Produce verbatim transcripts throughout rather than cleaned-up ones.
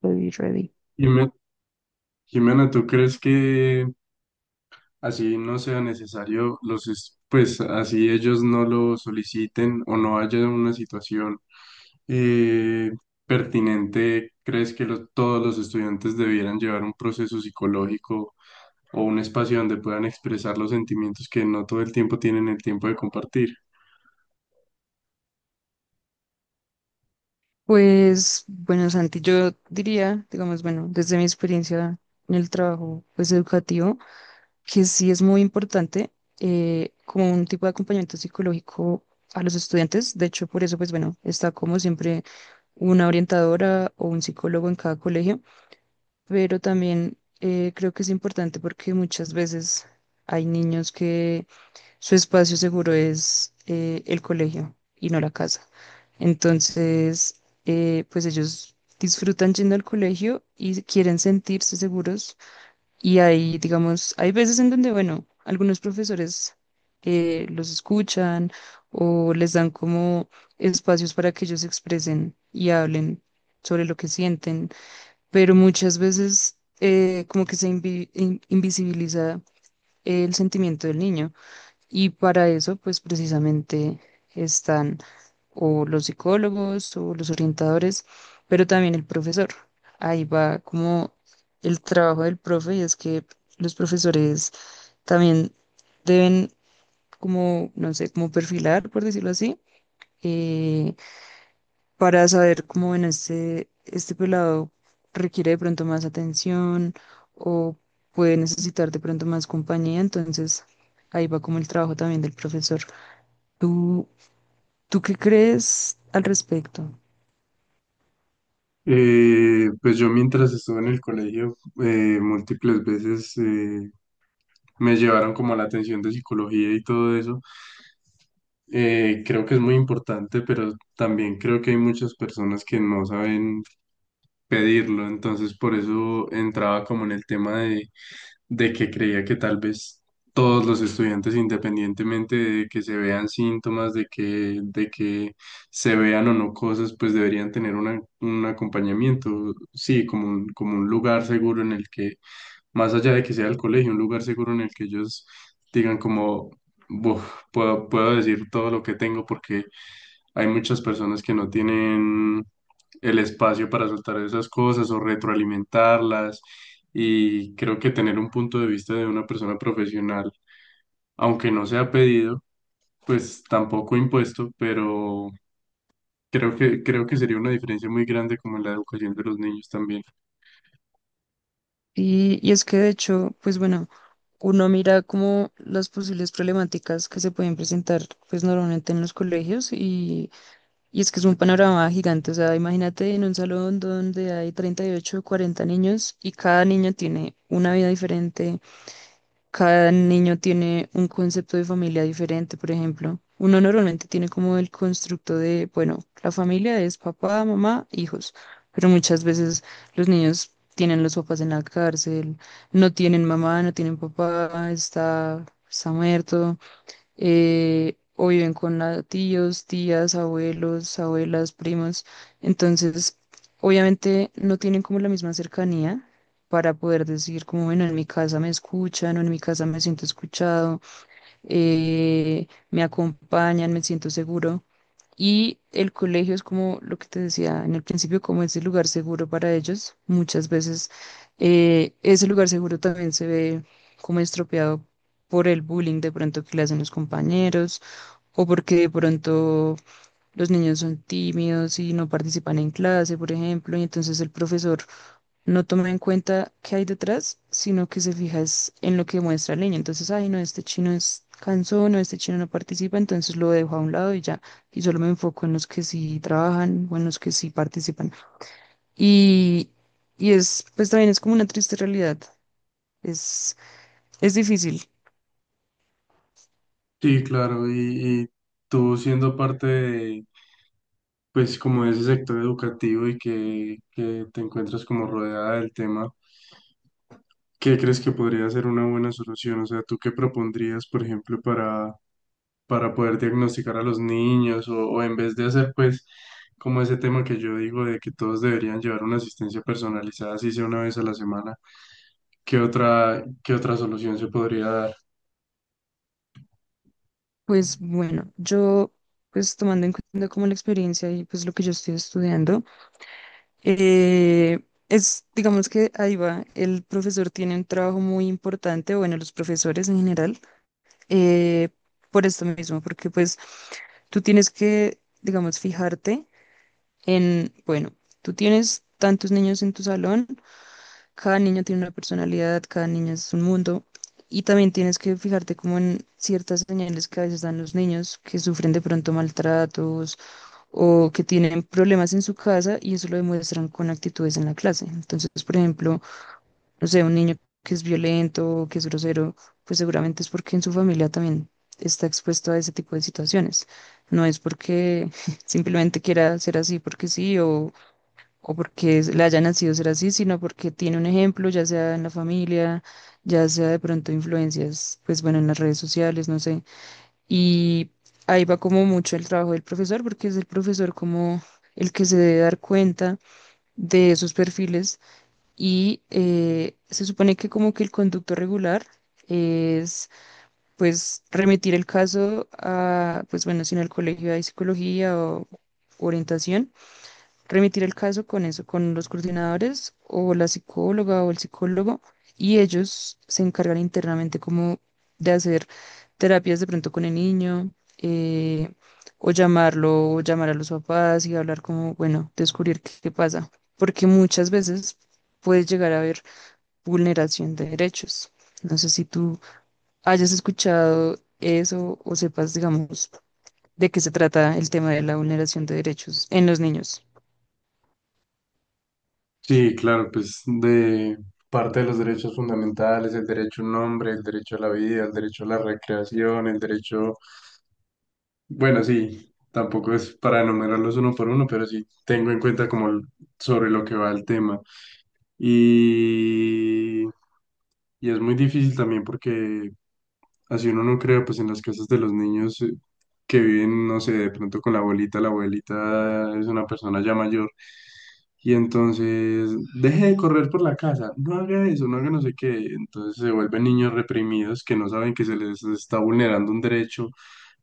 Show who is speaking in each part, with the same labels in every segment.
Speaker 1: Ready, ready.
Speaker 2: Jime- Jimena, ¿tú crees que así no sea necesario los, es- pues así ellos no lo soliciten o no haya una situación eh, pertinente? ¿Crees que los- todos los estudiantes debieran llevar un proceso psicológico o un espacio donde puedan expresar los sentimientos que no todo el tiempo tienen el tiempo de compartir?
Speaker 1: Pues bueno, Santi, yo diría, digamos, bueno, desde mi experiencia en el trabajo pues educativo, que sí es muy importante, eh, como un tipo de acompañamiento psicológico a los estudiantes. De hecho, por eso pues bueno, está como siempre una orientadora o un psicólogo en cada colegio, pero también, eh, creo que es importante porque muchas veces hay niños que su espacio seguro es, eh, el colegio y no la casa. Entonces, eh, pues ellos disfrutan yendo al colegio y quieren sentirse seguros. Y hay, digamos, hay veces en donde, bueno, algunos profesores, eh, los escuchan o les dan como espacios para que ellos se expresen y hablen sobre lo que sienten, pero muchas veces, eh, como que se invi- in- invisibiliza el sentimiento del niño. Y para eso, pues precisamente están o los psicólogos o los orientadores, pero también el profesor. Ahí va como el trabajo del profe y es que los profesores también deben como, no sé, como perfilar, por decirlo así, eh, para saber cómo en este, este pelado requiere de pronto más atención o puede necesitar de pronto más compañía. Entonces, ahí va como el trabajo también del profesor. ¿Tú ¿Tú qué crees al respecto?
Speaker 2: Eh, pues yo mientras estuve en el colegio, eh, múltiples veces, eh, me llevaron como a la atención de psicología y todo eso. Eh, creo que es muy importante, pero también creo que hay muchas personas que no saben pedirlo, entonces por eso entraba como en el tema de, de que creía que tal vez todos los estudiantes, independientemente de que se vean síntomas, de que, de que se vean o no cosas, pues deberían tener una- un acompañamiento, sí, como un, como un lugar seguro en el que más allá de que sea el colegio, un lugar seguro en el que ellos digan como, "Buf, puedo, puedo decir todo lo que tengo porque hay muchas personas que no tienen el espacio para soltar esas cosas o retroalimentarlas y creo que tener un punto de vista de una persona profesional, aunque no sea pedido, pues tampoco impuesto, pero creo que, creo que sería una diferencia muy grande como en la educación de los niños también".
Speaker 1: Y, y es que de hecho, pues bueno, uno mira como las posibles problemáticas que se pueden presentar, pues normalmente en los colegios y, y es que es un panorama gigante. O sea, imagínate en un salón donde hay treinta y ocho o cuarenta niños y cada niño tiene una vida diferente. Cada niño tiene un concepto de familia diferente, por ejemplo. Uno normalmente tiene como el constructo de, bueno, la familia es papá, mamá, hijos, pero muchas veces los niños tienen los papás en la cárcel, no tienen mamá, no tienen papá, está, está muerto, eh, o viven con a- tíos, tías, abuelos, abuelas, primos. Entonces, obviamente no tienen como la misma cercanía para poder decir como, bueno, en mi casa me escuchan o en mi casa me siento escuchado, eh, me acompañan, me siento seguro. Y el colegio es como lo que te decía en el principio, como ese lugar seguro para ellos. Muchas veces, eh, ese lugar seguro también se ve como estropeado por el bullying de pronto que le hacen los compañeros o porque de pronto los niños son tímidos y no participan en clase, por ejemplo, y entonces el profesor no toma en cuenta qué hay detrás, sino que se fija es en lo que muestra la niña. Entonces, ay, no, este chino es cansón, no, este chino no participa, entonces lo dejo a un lado y ya. Y solo me enfoco en los que sí trabajan o en los que sí participan. Y, y es, pues también es como una triste realidad. Es, es difícil.
Speaker 2: Sí, claro, y, y tú siendo parte de, pues, como de ese sector educativo y que, que te encuentras como rodeada del tema, ¿qué crees que podría ser una buena solución? O sea, ¿tú qué propondrías, por ejemplo, para, para poder diagnosticar a los niños o, o en vez de hacer, pues, como ese tema que yo digo de que todos deberían llevar una asistencia personalizada, así sea una vez a la semana, ¿qué otra, qué otra solución se podría dar?
Speaker 1: Pues bueno, yo, pues tomando en cuenta como la experiencia y pues lo que yo estoy estudiando. Eh, es, digamos que ahí va, el profesor tiene un trabajo muy importante, bueno, los profesores en general, eh, por esto mismo, porque pues tú tienes que, digamos, fijarte en, bueno, tú tienes tantos niños en tu salón, cada niño tiene una personalidad, cada niño es un mundo, y también tienes que fijarte como en ciertas señales que a veces dan los niños que sufren de pronto maltratos o que tienen problemas en su casa y eso lo demuestran con actitudes en la clase. Entonces, por ejemplo, no sé, un niño que es violento, que es grosero, pues seguramente es porque en su familia también está expuesto a ese tipo de situaciones. No es porque simplemente quiera ser así porque sí o, o porque es- le haya nacido ser así, sino porque tiene un ejemplo, ya sea en la familia, ya sea de pronto influencias, pues bueno, en las redes sociales, no sé. Y ahí va como mucho el trabajo del profesor, porque es el profesor como el que se debe dar cuenta de esos perfiles. Y eh, se supone que como que el conducto regular es pues remitir el caso a, pues bueno, si en el colegio hay psicología o orientación, remitir el caso con eso, con los coordinadores o la psicóloga o el psicólogo, y ellos se encargan internamente como de hacer terapias de pronto con el niño, eh, o llamarlo, o llamar a los papás y hablar como, bueno, descubrir qué, qué pasa, porque muchas veces puede llegar a haber vulneración de derechos. No sé si tú hayas escuchado eso o sepas, digamos, de qué se trata el tema de la vulneración de derechos en los niños.
Speaker 2: Sí, claro, pues de parte de los derechos fundamentales, el derecho a un nombre, el derecho a la vida, el derecho a la recreación, el derecho bueno, sí, tampoco es para enumerarlos uno por uno, pero sí tengo en cuenta como l- sobre lo que va el tema. Y, y es muy difícil también porque así uno no crea, pues en las casas de los niños, eh, que viven, no sé, de pronto con la abuelita, la abuelita es una persona ya mayor. Y entonces, deje de correr por la casa, no haga eso, no haga no sé qué. Entonces se vuelven niños reprimidos que no saben que se les está vulnerando un derecho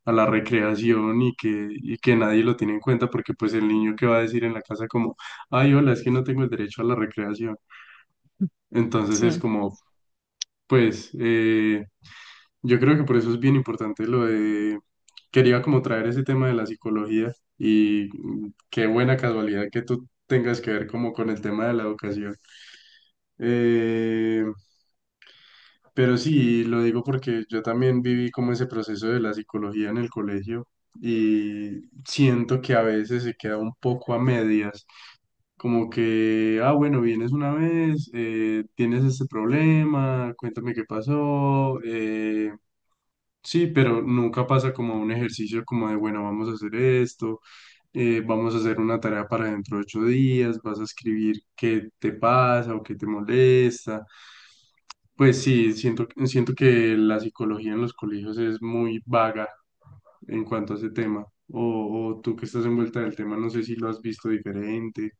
Speaker 2: a la recreación y que, y que nadie lo tiene en cuenta porque pues el niño que va a decir en la casa como, ay, hola, es que no tengo el derecho a la recreación. Entonces es
Speaker 1: Sí.
Speaker 2: como, pues, eh, yo creo que por eso es bien importante lo de, quería como traer ese tema de la psicología y mm, qué buena casualidad que tú tengas que ver como con el tema de la educación. Eh, pero sí, lo digo porque yo también viví como ese proceso de la psicología en el colegio y siento que a veces se queda un poco a medias, como que, ah, bueno, vienes una vez, eh, tienes este problema, cuéntame qué pasó, eh, sí, pero nunca pasa como un ejercicio como de, bueno, vamos a hacer esto, eh, vamos a hacer una tarea para dentro de ocho días, vas a escribir qué te pasa o qué te molesta. Pues sí, siento, siento que la psicología en los colegios es muy vaga en cuanto a ese tema. O, o tú que estás envuelta del tema, no sé si lo has visto diferente.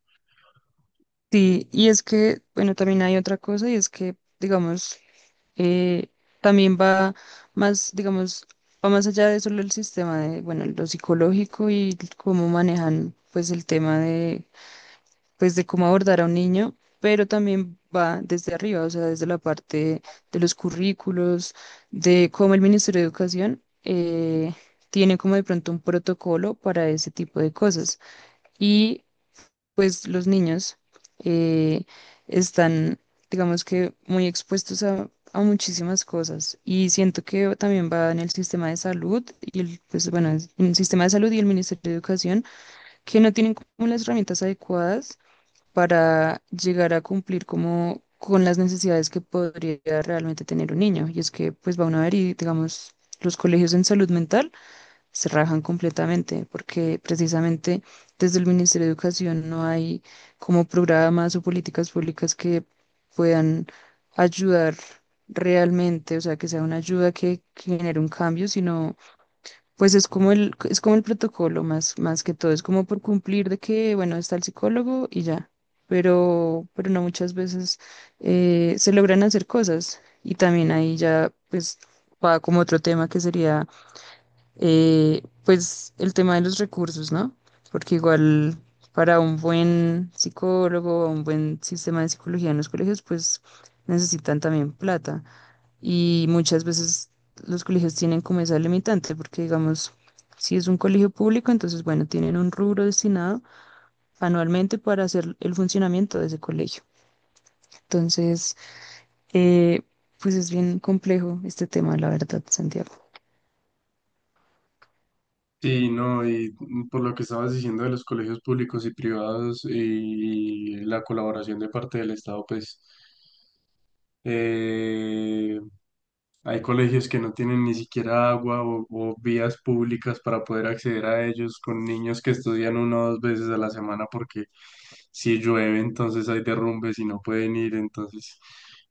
Speaker 1: Sí, y es que, bueno, también hay otra cosa y es que, digamos, eh, también va más, digamos, va más allá de solo el sistema de, bueno, lo psicológico y cómo manejan, pues, el tema de, pues, de cómo abordar a un niño, pero también va desde arriba, o sea, desde la parte de los currículos, de cómo el Ministerio de Educación, eh, tiene como de pronto un protocolo para ese tipo de cosas. Y pues los niños, eh, están, digamos, que muy expuestos a, a muchísimas cosas y siento que también va en el sistema de salud y el, pues bueno, es- en el sistema de salud y el Ministerio de Educación que no tienen como las herramientas adecuadas para llegar a cumplir como con las necesidades que podría realmente tener un niño. Y es que pues va uno a ver y digamos, los colegios en salud mental se rajan completamente, porque precisamente desde el Ministerio de Educación no hay como programas o políticas públicas que puedan ayudar realmente, o sea, que sea una ayuda que, que genere un cambio, sino pues es como el, es como el protocolo más, más que todo, es como por cumplir de que, bueno, está el psicólogo y ya. Pero, pero no muchas veces eh, se logran hacer cosas y también ahí ya pues va como otro tema que sería, eh, pues el tema de los recursos, ¿no? Porque igual para un buen psicólogo, un buen sistema de psicología en los colegios, pues necesitan también plata. Y muchas veces los colegios tienen como esa limitante, porque digamos, si es un colegio público, entonces bueno, tienen un rubro destinado anualmente para hacer el funcionamiento de ese colegio. Entonces, eh, pues es bien complejo este tema, la verdad, Santiago.
Speaker 2: Sí, no, y por lo que estabas diciendo de los colegios públicos y privados y la colaboración de parte del Estado, pues, eh, hay colegios que no tienen ni siquiera agua o, o vías públicas para poder acceder a ellos, con niños que estudian una o dos veces a la semana porque si llueve entonces hay derrumbes y no pueden ir, entonces,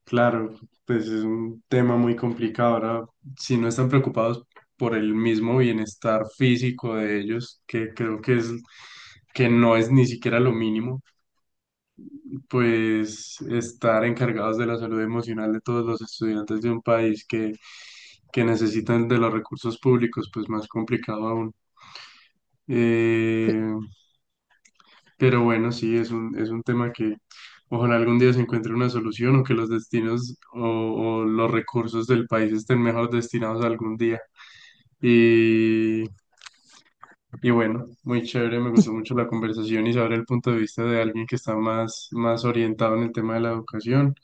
Speaker 2: claro, pues es un tema muy complicado. Ahora, si no están preocupados por el mismo bienestar físico de ellos, que creo que es que no es ni siquiera lo mínimo, pues estar encargados de la salud emocional de todos los estudiantes de un país que, que necesitan de los recursos públicos, pues más complicado aún. Eh, pero bueno, sí, es un, es un tema que ojalá algún día se encuentre una solución o que los destinos o, o los recursos del país estén mejor destinados algún día. Y bueno, muy chévere, me gustó mucho la conversación y saber el punto de vista de alguien que está más, más orientado en el tema de la educación.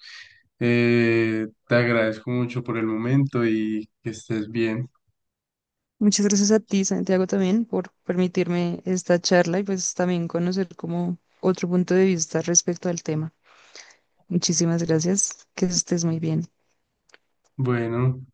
Speaker 2: Eh, te agradezco mucho por el momento y que estés bien.
Speaker 1: Muchas gracias a ti, Santiago, también por permitirme esta charla y pues también conocer como otro punto de vista respecto al tema. Muchísimas gracias, que estés muy bien.
Speaker 2: Bueno,